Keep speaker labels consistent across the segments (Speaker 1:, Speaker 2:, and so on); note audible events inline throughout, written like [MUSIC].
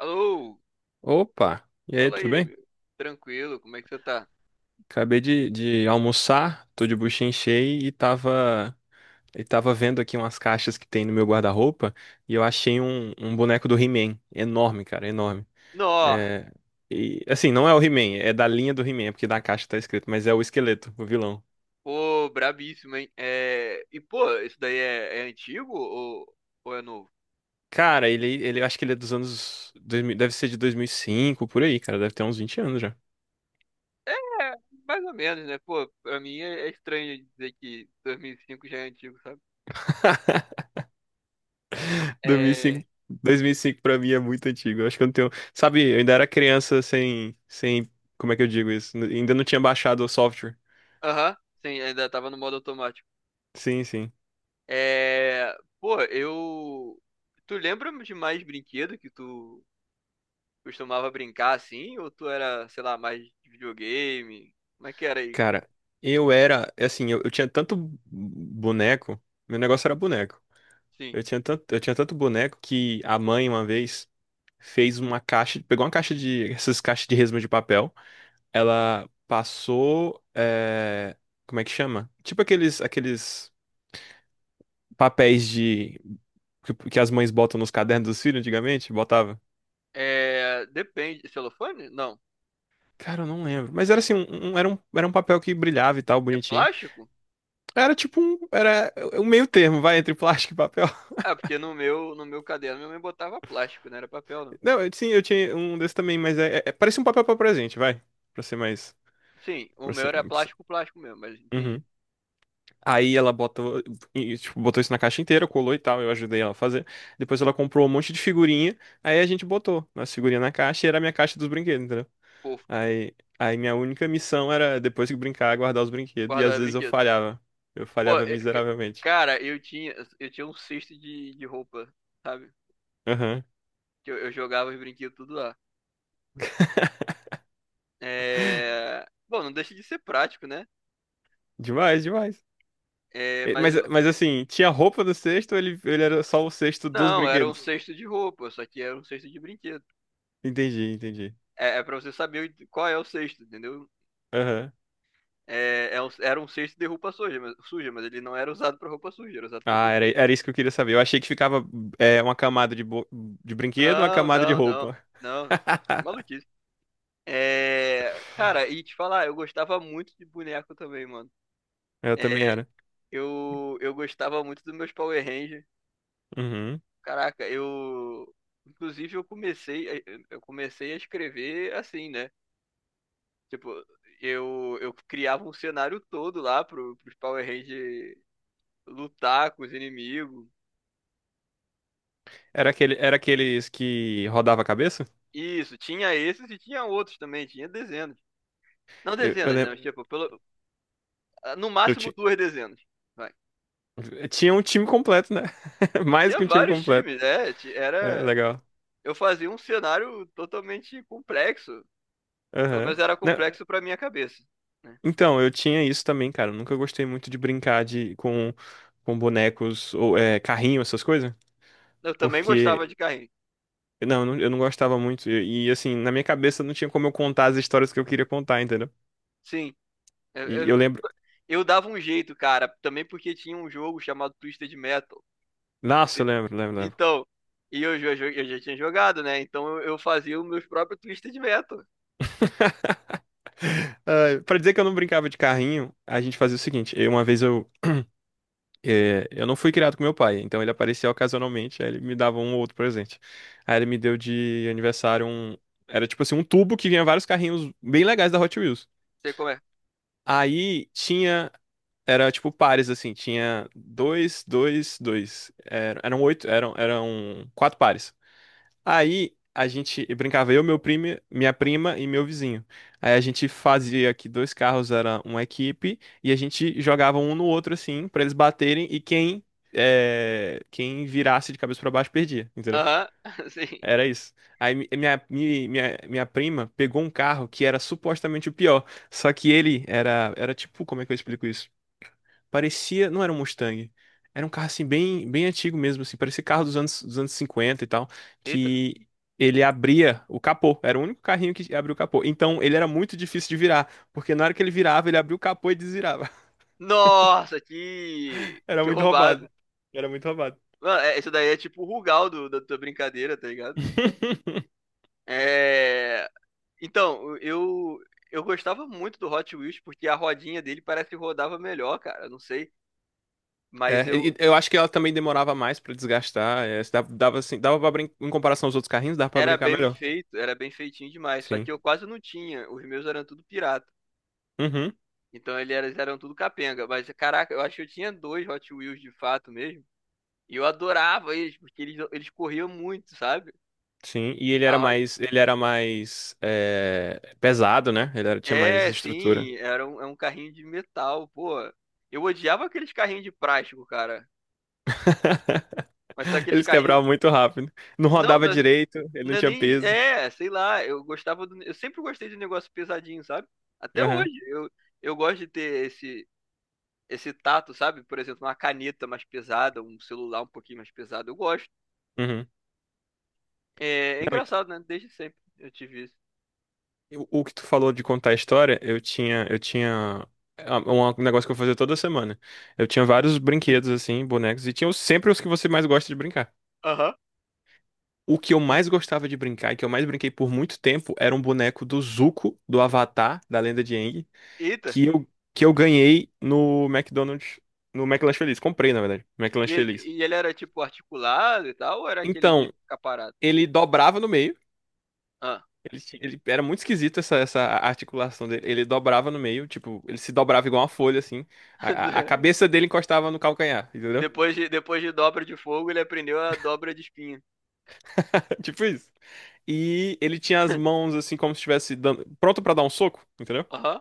Speaker 1: Alô,
Speaker 2: Opa! E aí,
Speaker 1: fala
Speaker 2: tudo
Speaker 1: aí,
Speaker 2: bem?
Speaker 1: meu. Tranquilo, como é que você tá?
Speaker 2: Acabei de almoçar, tô de buchinha cheia e tava vendo aqui umas caixas que tem no meu guarda-roupa e eu achei um boneco do He-Man. Enorme, cara, enorme.
Speaker 1: Nó,
Speaker 2: É, e, assim, não é o He-Man, é da linha do He-Man, é porque na caixa tá escrito, mas é o esqueleto, o vilão.
Speaker 1: pô, brabíssimo, hein? Pô, isso daí é antigo ou é novo?
Speaker 2: Cara, ele eu acho que ele é dos anos 2000. Deve ser de 2005 por aí, cara, deve ter uns 20 anos já.
Speaker 1: É, mais ou menos, né? Pô, pra mim é estranho dizer que 2005 já é antigo, sabe? É...
Speaker 2: 2005, 2005 pra mim é muito antigo. Eu acho que eu não tenho. Sabe, eu ainda era criança sem. Como é que eu digo isso? Ainda não tinha baixado o software.
Speaker 1: Aham, sim, ainda tava no modo automático.
Speaker 2: Sim, sim.
Speaker 1: É... Pô, eu... Tu lembra de mais brinquedo que tu costumava brincar assim? Ou tu era, sei lá, mais de videogame? Como é que era aí?
Speaker 2: Cara, eu era. Assim, eu tinha tanto boneco. Meu negócio era boneco.
Speaker 1: Sim.
Speaker 2: Eu tinha tanto boneco que a mãe, uma vez, fez uma caixa. Pegou uma caixa de. [LAUGHS] Essas caixas de resma de papel. Ela passou. Como é que chama? Tipo aqueles papéis de que as mães botam nos cadernos dos filhos antigamente, botava.
Speaker 1: É, depende. Celofane? Não.
Speaker 2: Cara, eu não lembro. Mas era assim, era um papel que brilhava e tal,
Speaker 1: É
Speaker 2: bonitinho.
Speaker 1: plástico?
Speaker 2: Era um meio termo, vai, entre plástico e papel. [LAUGHS]
Speaker 1: Ah, porque no meu, no meu caderno minha mãe botava plástico, não era papel, não.
Speaker 2: Não, sim, eu tinha um desse também, mas parece um papel pra presente, vai. Pra ser mais.
Speaker 1: Sim, o
Speaker 2: Pra
Speaker 1: meu
Speaker 2: ser,
Speaker 1: era
Speaker 2: pra ser-
Speaker 1: plástico, plástico mesmo, mas entendi.
Speaker 2: Uhum. Aí ela botou, e, tipo, botou isso na caixa inteira, colou e tal, eu ajudei ela a fazer. Depois ela comprou um monte de figurinha, aí a gente botou as figurinhas na caixa e era a minha caixa dos brinquedos, entendeu?
Speaker 1: Pô,
Speaker 2: Aí minha única missão era, depois que brincar, guardar os brinquedos. E às
Speaker 1: guardava
Speaker 2: vezes eu
Speaker 1: brinquedo.
Speaker 2: falhava. Eu
Speaker 1: Pô,
Speaker 2: falhava
Speaker 1: é, c-
Speaker 2: miseravelmente.
Speaker 1: cara, eu tinha um cesto de roupa, sabe?
Speaker 2: Aham.
Speaker 1: Que eu jogava os brinquedos tudo lá.
Speaker 2: [LAUGHS]
Speaker 1: É... Bom, não deixa de ser prático, né?
Speaker 2: Demais, demais.
Speaker 1: É, mas
Speaker 2: Mas,
Speaker 1: eu-
Speaker 2: mas assim, tinha roupa no cesto ou ele era só o cesto dos
Speaker 1: não, era um
Speaker 2: brinquedos?
Speaker 1: cesto de roupa, só que era um cesto de brinquedo.
Speaker 2: Entendi, entendi.
Speaker 1: É, é pra você saber qual é o cesto, entendeu?
Speaker 2: Aham.
Speaker 1: Era um cesto de roupa suja, mas ele não era usado pra roupa suja, era usado pra
Speaker 2: Ah, era,
Speaker 1: brinquedo.
Speaker 2: era isso que eu queria saber. Eu achei que ficava uma camada de brinquedo, uma
Speaker 1: Não,
Speaker 2: camada de
Speaker 1: não, não,
Speaker 2: roupa.
Speaker 1: não. É
Speaker 2: [LAUGHS]
Speaker 1: maluquice. É, cara, e te falar, eu gostava muito de boneco também, mano.
Speaker 2: Eu também
Speaker 1: É,
Speaker 2: era.
Speaker 1: eu gostava muito dos meus Power Rangers.
Speaker 2: Uhum.
Speaker 1: Caraca, eu. Inclusive, eu comecei a escrever assim, né? Tipo, eu criava um cenário todo lá pros Power Rangers lutar com os inimigos.
Speaker 2: Era aquele, era aqueles que rodava a cabeça?
Speaker 1: Isso, tinha esses e tinha outros também, tinha dezenas. Não
Speaker 2: Eu
Speaker 1: dezenas, não.
Speaker 2: lembro.
Speaker 1: Mas, tipo, pelo, ah, no máximo duas dezenas. Vai.
Speaker 2: Tinha um time completo, né? [LAUGHS] Mais
Speaker 1: Tinha
Speaker 2: que um time
Speaker 1: vários
Speaker 2: completo.
Speaker 1: times, né?
Speaker 2: É, legal.
Speaker 1: Eu fazia um cenário totalmente complexo. Pelo
Speaker 2: Aham.
Speaker 1: menos era
Speaker 2: Não,
Speaker 1: complexo pra minha cabeça, né?
Speaker 2: então, eu tinha isso também, cara. Eu nunca gostei muito de brincar com bonecos ou carrinho, essas coisas.
Speaker 1: Eu também
Speaker 2: Porque,
Speaker 1: gostava de carrinho.
Speaker 2: não, eu não gostava muito. E, assim, na minha cabeça não tinha como eu contar as histórias que eu queria contar, entendeu?
Speaker 1: Sim. Eu,
Speaker 2: E
Speaker 1: eu-
Speaker 2: eu lembro.
Speaker 1: eu dava um jeito, cara, também porque tinha um jogo chamado Twisted Metal.
Speaker 2: Nossa, eu lembro, lembro, lembro.
Speaker 1: Então, eu já tinha jogado, né? Então eu fazia os meus próprios Twisted Metal.
Speaker 2: Ah, pra dizer que eu não brincava de carrinho, a gente fazia o seguinte. É, eu não fui criado com meu pai, então ele aparecia ocasionalmente, aí ele me dava um ou outro presente. Aí ele me deu de aniversário um. Era tipo assim, um tubo que vinha vários carrinhos bem legais da Hot Wheels.
Speaker 1: Sei como é.
Speaker 2: Aí tinha. Era tipo pares, assim, tinha dois, dois, dois. Eram oito, eram quatro pares. Aí a gente brincava eu, meu primo, minha prima e meu vizinho. Aí a gente fazia que dois carros era uma equipe e a gente jogava um no outro assim pra eles baterem e quem virasse de cabeça pra baixo perdia, entendeu?
Speaker 1: Aham, [LAUGHS] sim.
Speaker 2: Era isso. Aí minha prima pegou um carro que era supostamente o pior, só que ele era tipo, como é que eu explico isso? Parecia, não era um Mustang. Era um carro assim bem, bem antigo mesmo, assim, parecia carro dos anos 50 e tal,
Speaker 1: Eita.
Speaker 2: que ele abria o capô. Era o único carrinho que abria o capô. Então ele era muito difícil de virar, porque na hora que ele virava, ele abria o capô e desvirava.
Speaker 1: Nossa, que.
Speaker 2: [LAUGHS] Era
Speaker 1: Que
Speaker 2: muito
Speaker 1: roubado.
Speaker 2: roubado. Era muito roubado.
Speaker 1: Mano, isso daí é tipo o Rugal da tua brincadeira, tá ligado?
Speaker 2: [LAUGHS]
Speaker 1: É. Então, eu. Eu gostava muito do Hot Wheels porque a rodinha dele parece que rodava melhor, cara. Não sei. Mas
Speaker 2: E
Speaker 1: eu.
Speaker 2: eu acho que ela também demorava mais pra desgastar. Se dava assim, dava para brincar, em comparação aos outros carrinhos, dava pra
Speaker 1: Era
Speaker 2: brincar
Speaker 1: bem
Speaker 2: melhor.
Speaker 1: feito, era bem feitinho demais. Só que
Speaker 2: Sim.
Speaker 1: eu quase não tinha. Os meus eram tudo pirata.
Speaker 2: Uhum.
Speaker 1: Eles eram tudo capenga. Mas, caraca, eu acho que eu tinha dois Hot Wheels de fato mesmo. E eu adorava eles, porque eles corriam muito, sabe?
Speaker 2: Sim, e ele era mais pesado, né? Tinha mais estrutura.
Speaker 1: É um carrinho de metal, pô. Eu odiava aqueles carrinhos de plástico, cara.
Speaker 2: [LAUGHS]
Speaker 1: Mas tá aqueles
Speaker 2: Eles
Speaker 1: carrinhos.
Speaker 2: quebravam muito rápido. Não
Speaker 1: Não,
Speaker 2: rodava
Speaker 1: não,
Speaker 2: direito, ele não
Speaker 1: não é
Speaker 2: tinha
Speaker 1: nem.
Speaker 2: peso.
Speaker 1: É, sei lá, eu gostava do. Eu sempre gostei de negócio pesadinho, sabe? Até
Speaker 2: Aham,
Speaker 1: hoje. Eu gosto de ter esse, esse tato, sabe? Por exemplo, uma caneta mais pesada, um celular um pouquinho mais pesado. Eu gosto.
Speaker 2: uhum.
Speaker 1: É, é
Speaker 2: Não,
Speaker 1: engraçado, né? Desde sempre eu tive isso.
Speaker 2: e o que tu falou de contar a história, eu tinha um negócio que eu fazia toda semana. Eu tinha vários brinquedos assim, bonecos, e tinha sempre os que você mais gosta de brincar.
Speaker 1: Aham.
Speaker 2: O que eu mais gostava de brincar, e que eu mais brinquei por muito tempo, era um boneco do Zuko, do Avatar, da Lenda de Aang,
Speaker 1: Eita.
Speaker 2: que eu, que eu ganhei no McDonald's, no McLanche Feliz. Comprei, na verdade, McLanche Feliz.
Speaker 1: E ele era tipo articulado e tal, ou era aquele de
Speaker 2: Então,
Speaker 1: ficar parado?
Speaker 2: ele dobrava no meio.
Speaker 1: Ah.
Speaker 2: Ele era muito esquisito essa articulação dele. Ele dobrava no meio, tipo, ele se dobrava igual uma folha, assim. A
Speaker 1: [LAUGHS]
Speaker 2: cabeça dele encostava no calcanhar, entendeu?
Speaker 1: Depois de dobra de fogo, ele aprendeu a dobra de espinha.
Speaker 2: [LAUGHS] Tipo isso. E ele tinha as mãos assim como se estivesse pronto pra dar um soco, entendeu?
Speaker 1: Aham,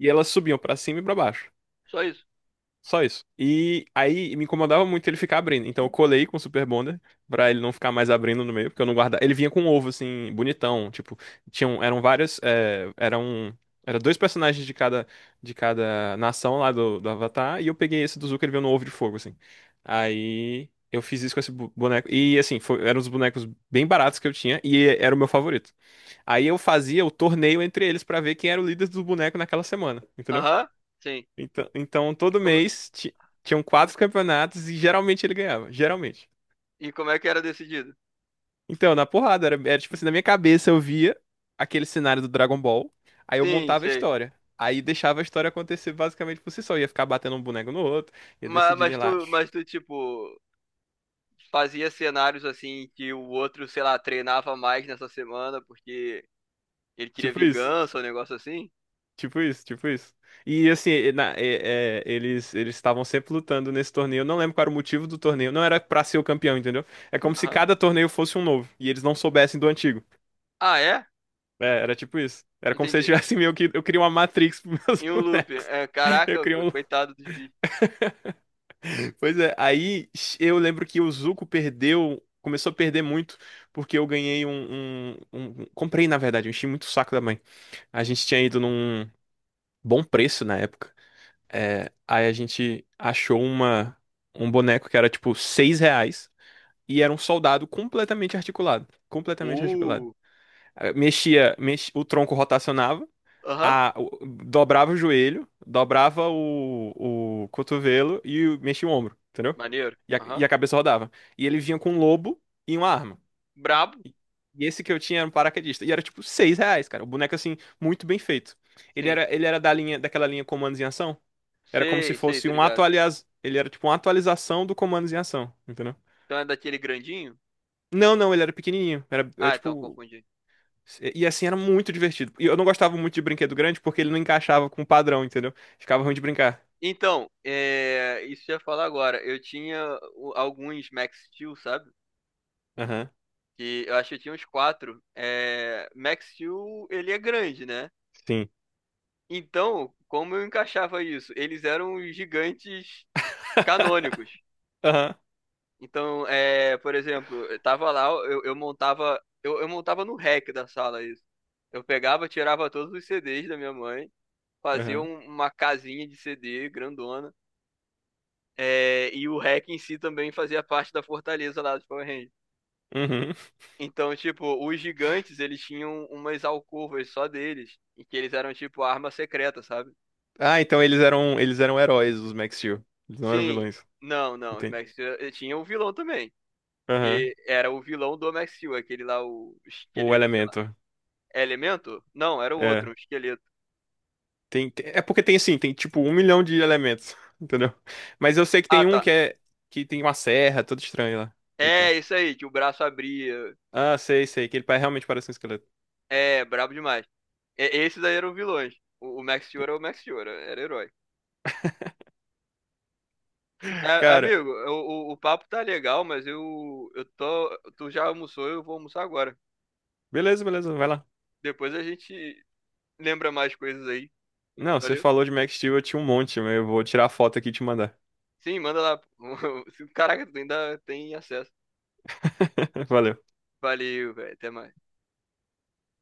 Speaker 2: E elas subiam pra cima e pra baixo.
Speaker 1: só isso.
Speaker 2: Só isso. E aí me incomodava muito ele ficar abrindo. Então eu colei com o Super Bonder pra ele não ficar mais abrindo no meio, porque eu não guardava. Ele vinha com um ovo assim, bonitão. Tipo, tinham, eram várias. É, era dois personagens de cada nação lá do Avatar. E eu peguei esse do Zuko, ele veio no ovo de fogo, assim. Aí eu fiz isso com esse boneco. E assim, eram os bonecos bem baratos que eu tinha e era o meu favorito. Aí eu fazia o torneio entre eles pra ver quem era o líder do boneco naquela semana, entendeu?
Speaker 1: Aham, sim.
Speaker 2: Então,
Speaker 1: E
Speaker 2: todo
Speaker 1: como,
Speaker 2: mês tinham quatro campeonatos e geralmente ele ganhava. Geralmente.
Speaker 1: e como é que era decidido?
Speaker 2: Então, na porrada, era, era tipo assim, na minha cabeça eu via aquele cenário do Dragon Ball, aí eu
Speaker 1: Sim,
Speaker 2: montava a
Speaker 1: sei.
Speaker 2: história. Aí deixava a história acontecer basicamente por si só. Ia ficar batendo um boneco no outro, ia decidindo ir lá.
Speaker 1: Tipo, fazia cenários assim que o outro, sei lá, treinava mais nessa semana porque ele queria
Speaker 2: Tipo isso,
Speaker 1: vingança, um negócio assim?
Speaker 2: tipo isso, tipo isso. E assim, e eles eles estavam sempre lutando nesse torneio. Eu não lembro qual era o motivo do torneio. Não era pra ser o campeão, entendeu? É como se
Speaker 1: Aham.
Speaker 2: cada torneio fosse um novo e eles não soubessem do antigo.
Speaker 1: Ah, é?
Speaker 2: É, era tipo isso. Era como se eu
Speaker 1: Entendi.
Speaker 2: tivesse meio que. Eu queria uma Matrix pros meus
Speaker 1: Em
Speaker 2: [LAUGHS]
Speaker 1: um loop.
Speaker 2: bonecos.
Speaker 1: É,
Speaker 2: Eu
Speaker 1: caraca,
Speaker 2: queria um.
Speaker 1: coitado dos bichos.
Speaker 2: Pois é, aí eu lembro que o Zuko perdeu. Começou a perder muito, porque eu ganhei Comprei, na verdade, eu enchi muito o saco da mãe. A gente tinha ido num bom preço na época. É, aí a gente achou um boneco que era tipo R$ 6 e era um soldado completamente articulado. Completamente articulado.
Speaker 1: Uh,
Speaker 2: O tronco rotacionava.
Speaker 1: aham.
Speaker 2: Dobrava o joelho, dobrava o cotovelo e mexia o ombro, entendeu?
Speaker 1: Maneiro.
Speaker 2: E a,
Speaker 1: Aham.
Speaker 2: e a cabeça rodava. E ele vinha com um lobo e uma arma.
Speaker 1: Brabo?
Speaker 2: E esse que eu tinha era um paraquedista. E era tipo R$ 6, cara. O boneco, assim, muito bem feito. Ele
Speaker 1: Sim.
Speaker 2: era, ele era da linha, daquela linha Comandos em Ação. Era como se
Speaker 1: Sei, sei,
Speaker 2: fosse
Speaker 1: tô
Speaker 2: um
Speaker 1: ligado.
Speaker 2: Ele era tipo uma atualização do Comandos em Ação, entendeu?
Speaker 1: Então é daquele grandinho?
Speaker 2: Não, não, ele era pequenininho. Era, era
Speaker 1: Ah, então eu
Speaker 2: tipo.
Speaker 1: confundi.
Speaker 2: E assim, era muito divertido. E eu não gostava muito de brinquedo grande porque ele não encaixava com o padrão, entendeu? Ficava ruim de brincar.
Speaker 1: Então, é, isso que eu ia falar agora. Alguns Max Steel, sabe? Que eu acho que eu tinha uns quatro. É, Max Steel, ele é grande, né?
Speaker 2: Sim.
Speaker 1: Então, como eu encaixava isso? Eles eram os gigantes canônicos.
Speaker 2: [LAUGHS] Aham,
Speaker 1: Então, é, por exemplo, eu tava lá, eu montava no rack da sala isso. Eu pegava, tirava todos os CDs da minha mãe, fazia
Speaker 2: aham,
Speaker 1: uma casinha de CD grandona. É, e o Hack em si também fazia parte da fortaleza lá dos Power Rangers.
Speaker 2: uhum.
Speaker 1: Então, tipo, os gigantes, eles tinham umas alcovas só deles, em que eles eram, tipo, arma secreta, sabe?
Speaker 2: Ah, então eles eram heróis, os Max Steel. Eles não eram
Speaker 1: Sim,
Speaker 2: vilões.
Speaker 1: não, não, os
Speaker 2: Entendi.
Speaker 1: Max Steel tinha um vilão também,
Speaker 2: Aham.
Speaker 1: que era o vilão do Max Steel, aquele lá, o
Speaker 2: O
Speaker 1: esqueleto, sei lá.
Speaker 2: elemento.
Speaker 1: É Elemento? Não, era o
Speaker 2: É.
Speaker 1: outro, o esqueleto.
Speaker 2: É porque tem assim, tem tipo um milhão de elementos, [LAUGHS] entendeu? Mas eu sei que
Speaker 1: Ah,
Speaker 2: tem
Speaker 1: tá.
Speaker 2: um que é que tem uma serra, todo estranho lá e
Speaker 1: É,
Speaker 2: tal.
Speaker 1: isso aí, que o braço abria.
Speaker 2: Ah, sei, sei, que ele realmente parece um esqueleto.
Speaker 1: É, brabo demais. É, esses aí eram vilões. O Max Steel era o Max Steel, era herói. É,
Speaker 2: Cara,
Speaker 1: amigo, o papo tá legal, mas eu tô. Tu já almoçou, eu vou almoçar agora.
Speaker 2: beleza, beleza, vai lá.
Speaker 1: Depois a gente lembra mais coisas aí.
Speaker 2: Não, você
Speaker 1: Valeu?
Speaker 2: falou de Max Steel, eu tinha um monte, mas eu vou tirar a foto aqui e te mandar.
Speaker 1: Sim, manda lá. [LAUGHS] Caraca, tu ainda tem acesso.
Speaker 2: [LAUGHS] Valeu.
Speaker 1: Valeu, velho. Até mais.